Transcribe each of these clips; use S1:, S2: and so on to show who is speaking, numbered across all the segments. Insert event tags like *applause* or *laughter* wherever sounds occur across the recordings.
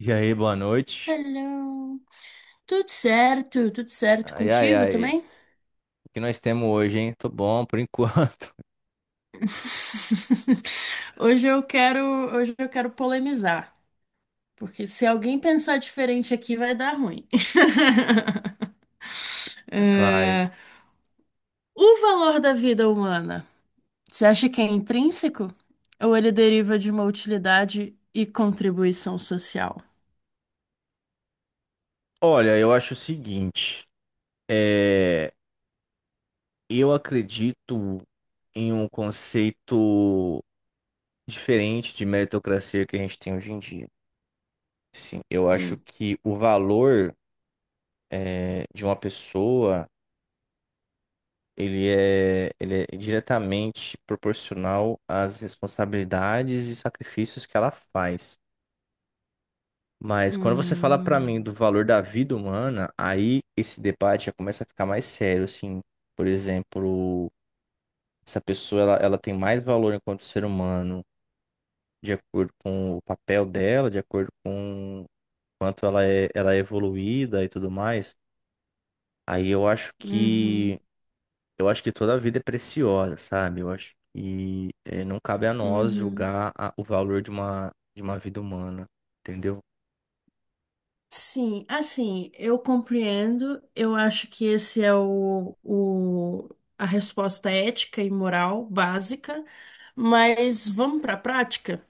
S1: E aí, boa noite.
S2: Hello. Tudo certo? Tudo certo
S1: Ai, ai,
S2: contigo
S1: ai.
S2: também?
S1: O que nós temos hoje, hein? Tô bom por enquanto.
S2: *laughs* Hoje eu quero, hoje eu quero polemizar, porque se alguém pensar diferente aqui vai dar ruim. *laughs*
S1: *laughs* Vai.
S2: É, o valor da vida humana, você acha que é intrínseco ou ele deriva de uma utilidade e contribuição social?
S1: Olha, eu acho o seguinte. É... Eu acredito em um conceito diferente de meritocracia que a gente tem hoje em dia. Sim, eu acho
S2: Hum.
S1: que o valor de uma pessoa, ele é diretamente proporcional às responsabilidades e sacrifícios que ela faz. Mas quando você fala pra mim do
S2: Hum.
S1: valor da vida humana, aí esse debate já começa a ficar mais sério, assim. Por exemplo, essa pessoa ela tem mais valor enquanto ser humano, de acordo com o papel dela, de acordo com quanto ela é evoluída e tudo mais. Aí eu acho
S2: Hum.
S1: que
S2: Uhum.
S1: eu acho que toda a vida é preciosa, sabe? Eu acho que não cabe a nós
S2: Uhum.
S1: julgar o valor de uma vida humana, entendeu?
S2: Sim, assim, eu compreendo. Eu acho que esse é o, a resposta ética e moral básica, mas vamos para a prática?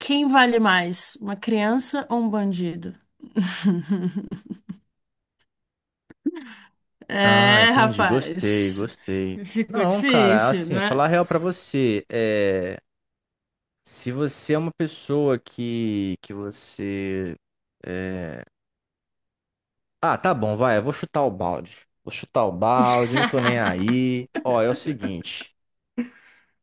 S2: Quem vale mais, uma criança ou um bandido? *laughs*
S1: Ah,
S2: É,
S1: entendi. Gostei,
S2: rapaz,
S1: gostei.
S2: ficou
S1: Não, cara,
S2: difícil,
S1: assim,
S2: não é?
S1: falar a real pra você, se você é uma pessoa que você é, ah, tá bom, vai, eu vou chutar o balde. Vou chutar o balde, não tô nem
S2: *laughs*
S1: aí. Ó, é o seguinte,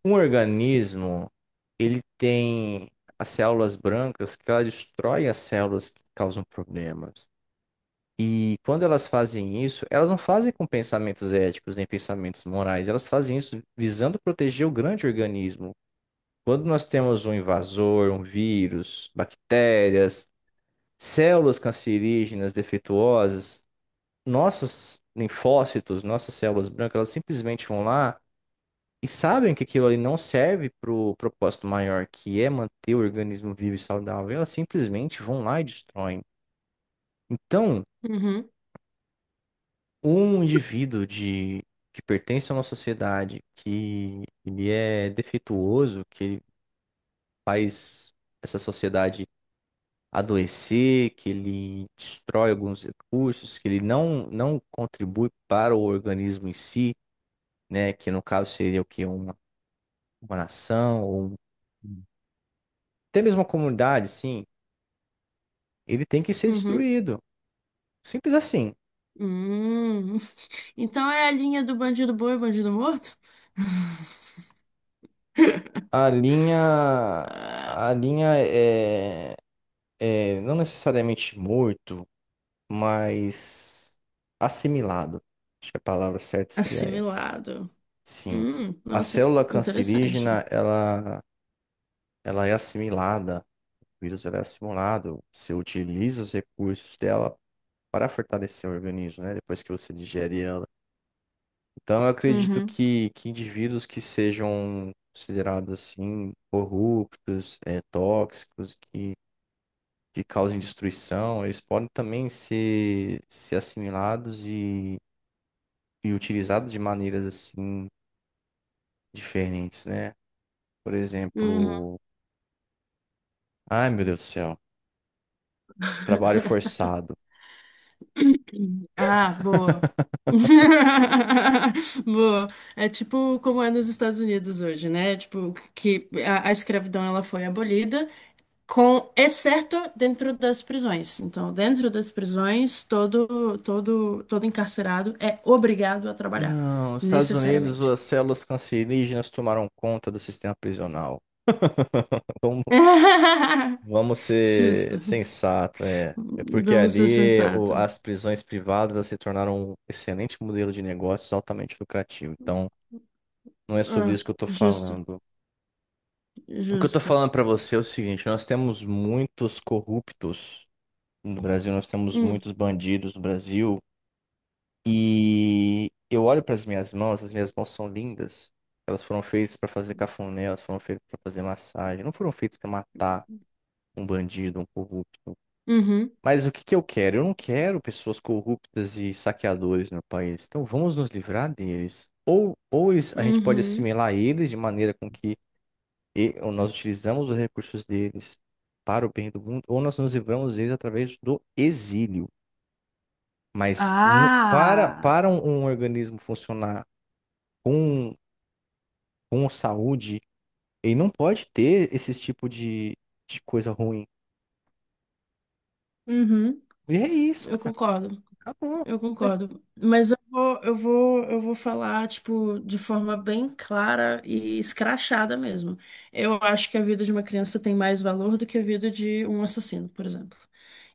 S1: um organismo, ele tem as células brancas que ela destrói as células que causam problemas. E quando elas fazem isso, elas não fazem com pensamentos éticos nem pensamentos morais, elas fazem isso visando proteger o grande organismo. Quando nós temos um invasor, um vírus, bactérias, células cancerígenas defeituosas, nossos linfócitos, nossas células brancas, elas simplesmente vão lá e sabem que aquilo ali não serve para o propósito maior, que é manter o organismo vivo e saudável, elas simplesmente vão lá e destroem. Então,
S2: Uhum.
S1: um indivíduo que pertence a uma sociedade que ele é defeituoso, que ele faz essa sociedade adoecer, que ele destrói alguns recursos, que ele não, não contribui para o organismo em si, né? Que no caso seria o quê? Uma nação, ou um- até mesmo uma comunidade, sim, ele tem que ser
S2: Uhum.
S1: destruído. Simples assim.
S2: Hum. *laughs* Então é a linha do bandido bom e bandido morto? *laughs*
S1: A linha, a linha é não necessariamente morto, mais assimilado. Acho que a palavra certa seria essa.
S2: Assimilado.
S1: Sim. A
S2: Nossa,
S1: célula
S2: interessante.
S1: cancerígena, ela é assimilada, o vírus ela é assimilado, você utiliza os recursos dela para fortalecer o organismo, né? Depois que você digere ela. Então, eu acredito
S2: Uhum.
S1: que indivíduos que sejam considerados assim, corruptos, tóxicos, que causem destruição, eles podem também ser assimilados e utilizado de maneiras assim diferentes, né? Por
S2: Uhum.
S1: exemplo, ai meu Deus do céu, trabalho forçado.
S2: Ah, boa. *laughs* Boa. É tipo como é nos Estados Unidos hoje, né? Tipo, que a escravidão ela foi abolida, com exceto dentro das prisões. Então, dentro das prisões, todo encarcerado é obrigado a trabalhar,
S1: Não, nos Estados Unidos
S2: necessariamente.
S1: as células cancerígenas tomaram conta do sistema prisional. Então
S2: *laughs*
S1: vamos ser
S2: Justo.
S1: sensatos, é. É porque
S2: Vamos ser
S1: ali
S2: sensato.
S1: as prisões privadas elas se tornaram um excelente modelo de negócios altamente lucrativo. Então, não é sobre
S2: Ah,
S1: isso que eu estou
S2: justo,
S1: falando. O que eu estou
S2: justo.
S1: falando para você é o seguinte: nós temos muitos corruptos no Brasil, nós temos
S2: Hum.
S1: muitos bandidos no Brasil. E eu olho para as minhas mãos são lindas. Elas foram feitas para fazer cafuné, elas foram feitas para fazer massagem, não foram feitas para matar um bandido, um corrupto.
S2: Uhum,
S1: Mas o que que eu quero? Eu não quero pessoas corruptas e saqueadores no meu país. Então vamos nos livrar deles. Ou a gente pode
S2: uhum.
S1: assimilar eles de maneira com que ou nós utilizamos os recursos deles para o bem do mundo, ou nós nos livramos deles através do exílio. Mas para
S2: Ah,
S1: um organismo funcionar com, com saúde, ele não pode ter esse tipo de coisa ruim.
S2: uhum,
S1: E é isso,
S2: eu
S1: cara.
S2: concordo.
S1: Acabou.
S2: Eu concordo, mas eu vou falar, tipo, de forma bem clara e escrachada mesmo. Eu acho que a vida de uma criança tem mais valor do que a vida de um assassino, por exemplo.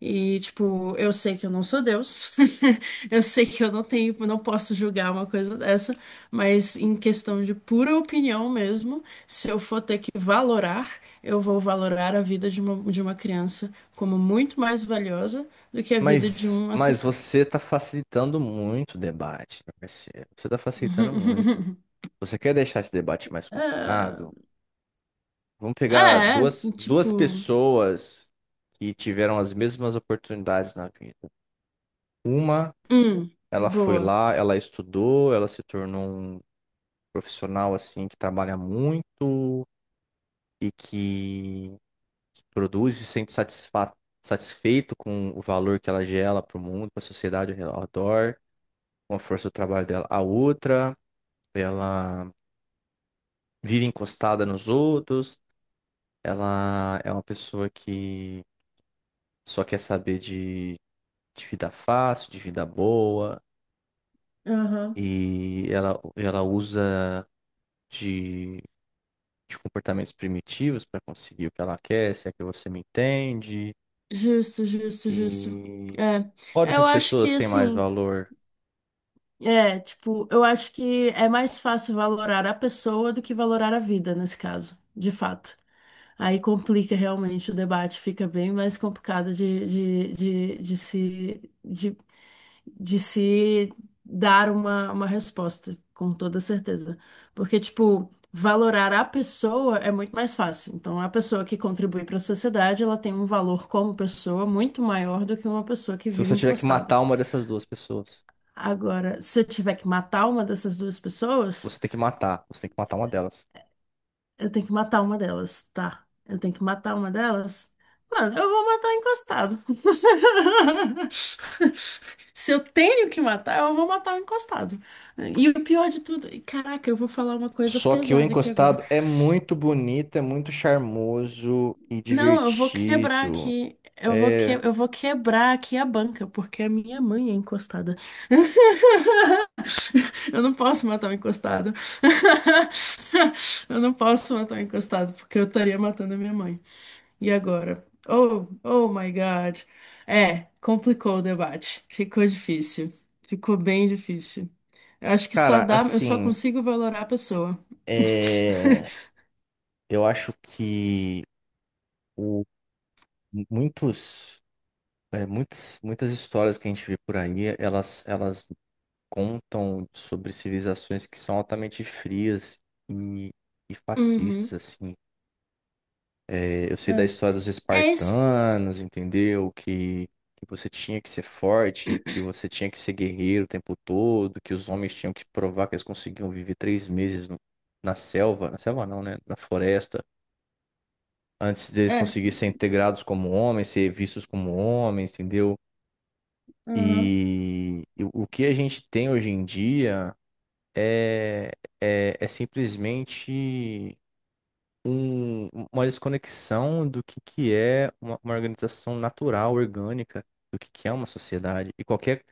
S2: E, tipo, eu sei que eu não sou Deus, *laughs* eu sei que eu não tenho, não posso julgar uma coisa dessa, mas em questão de pura opinião mesmo, se eu for ter que valorar, eu vou valorar a vida de uma criança como muito mais valiosa do que a vida de um
S1: Mas
S2: assassino.
S1: você está facilitando muito o debate, meu parceiro. Você está facilitando muito.
S2: *laughs*
S1: Você quer deixar esse debate mais
S2: Ah,
S1: complicado? Vamos pegar
S2: é,
S1: duas
S2: tipo,
S1: pessoas que tiveram as mesmas oportunidades na vida. Uma,
S2: hum,
S1: ela foi
S2: boa.
S1: lá, ela estudou, ela se tornou um profissional assim que trabalha muito e que produz e se sente satisfa satisfeito com o valor que ela gera para o mundo, para a sociedade ao redor, com a força do trabalho dela. A outra, ela vive encostada nos outros, ela é uma pessoa que só quer saber de vida fácil, de vida boa,
S2: Aham.
S1: e ela usa de, de comportamentos primitivos para conseguir o que ela quer, se é que você me entende.
S2: Justo, justo, justo.
S1: E
S2: É,
S1: qual
S2: eu
S1: dessas
S2: acho
S1: pessoas
S2: que
S1: tem mais
S2: assim,
S1: valor?
S2: é, tipo, eu acho que é mais fácil valorar a pessoa do que valorar a vida nesse caso, de fato. Aí complica realmente o debate, fica bem mais complicado de, de se dar uma resposta, com toda certeza. Porque, tipo, valorar a pessoa é muito mais fácil. Então, a pessoa que contribui para a sociedade, ela tem um valor como pessoa muito maior do que uma pessoa que
S1: Se
S2: vive
S1: você tiver que
S2: encostada.
S1: matar uma dessas duas pessoas,
S2: Agora, se eu tiver que matar uma dessas duas pessoas.
S1: você tem que matar uma delas.
S2: Eu tenho que matar uma delas, tá? Eu tenho que matar uma delas? Mano, eu vou matar encostado. *laughs* Se eu tenho que matar, eu vou matar o encostado. E o pior de tudo, e caraca, eu vou falar uma coisa
S1: Só que o
S2: pesada aqui agora.
S1: encostado é muito bonito, é muito charmoso e
S2: Não, eu vou quebrar
S1: divertido.
S2: aqui.
S1: É,
S2: Eu vou quebrar aqui a banca, porque a minha mãe é encostada. *laughs* Eu não posso matar o encostado. *laughs* Eu não posso matar o encostado, porque eu estaria matando a minha mãe. E agora? Oh, oh my God. É, complicou o debate. Ficou difícil. Ficou bem difícil. Eu acho que só
S1: cara,
S2: dá, eu só
S1: assim,
S2: consigo valorar a pessoa. *laughs*
S1: é, eu acho que o, muitos, muitas histórias que a gente vê por aí, elas contam sobre civilizações que são altamente frias e, e fascistas,
S2: Uhum,
S1: assim. É, eu sei da
S2: é.
S1: história dos
S2: É isso.
S1: espartanos, entendeu? Que você tinha que ser forte, que você tinha que ser guerreiro o tempo todo, que os homens tinham que provar que eles conseguiam viver três meses na selva não, né? Na floresta, antes deles
S2: É.
S1: conseguirem ser integrados como homens, ser vistos como homens, entendeu?
S2: Uhum.
S1: E o que a gente tem hoje em dia. é, é simplesmente uma desconexão do que é uma organização natural, orgânica, do que é uma sociedade. E qualquer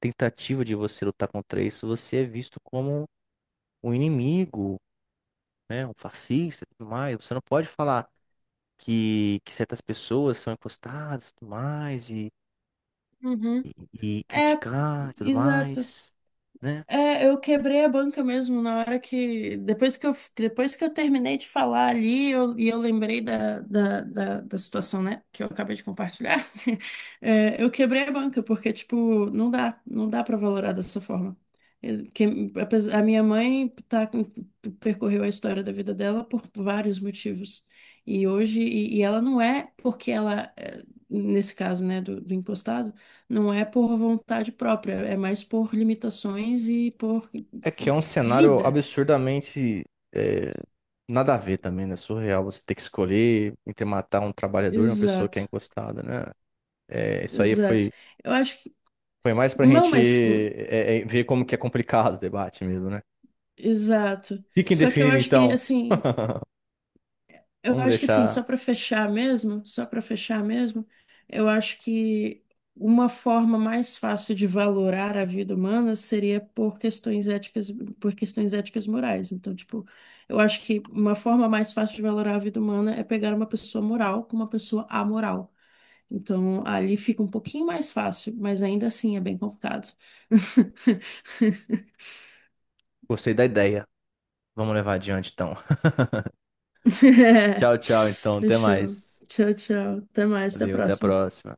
S1: tentativa de você lutar contra isso, você é visto como um inimigo, né? Um fascista e tudo mais. Você não pode falar que certas pessoas são encostadas e tudo mais,
S2: Uhum.
S1: e
S2: É,
S1: criticar e tudo
S2: exato.
S1: mais, né?
S2: É, eu quebrei a banca mesmo na hora que. Depois que eu terminei de falar ali, e eu lembrei da situação, né? Que eu acabei de compartilhar. *laughs* É, eu quebrei a banca, porque, tipo, não dá, não dá pra valorar dessa forma. Eu- que, a minha mãe percorreu a história da vida dela por vários motivos. E hoje, e ela não é porque ela, é, nesse caso, né, do encostado. Não é por vontade própria, é mais por limitações e por
S1: É que é um cenário
S2: vida.
S1: absurdamente é, nada a ver também, né? Surreal você ter que escolher entre matar um trabalhador e uma pessoa que é
S2: Exato,
S1: encostada, né? É, isso aí
S2: exato.
S1: foi,
S2: Eu acho que.
S1: foi mais pra
S2: Não,
S1: gente
S2: mas. Hum,
S1: ver como que é complicado o debate mesmo, né?
S2: exato.
S1: Fica
S2: Só que eu
S1: indefinido
S2: acho que,
S1: então.
S2: assim.
S1: *laughs*
S2: Eu
S1: Vamos
S2: acho que assim, só
S1: deixar.
S2: para fechar mesmo, só para fechar mesmo, eu acho que uma forma mais fácil de valorar a vida humana seria por questões éticas morais. Então, tipo, eu acho que uma forma mais fácil de valorar a vida humana é pegar uma pessoa moral com uma pessoa amoral. Então, ali fica um pouquinho mais fácil, mas ainda assim é bem complicado. *laughs*
S1: Gostei da ideia. Vamos levar adiante então. *laughs* Tchau, tchau então. Até
S2: Deixa eu.
S1: mais.
S2: Tchau, tchau. Até mais, até a
S1: Valeu, até a
S2: próxima.
S1: próxima.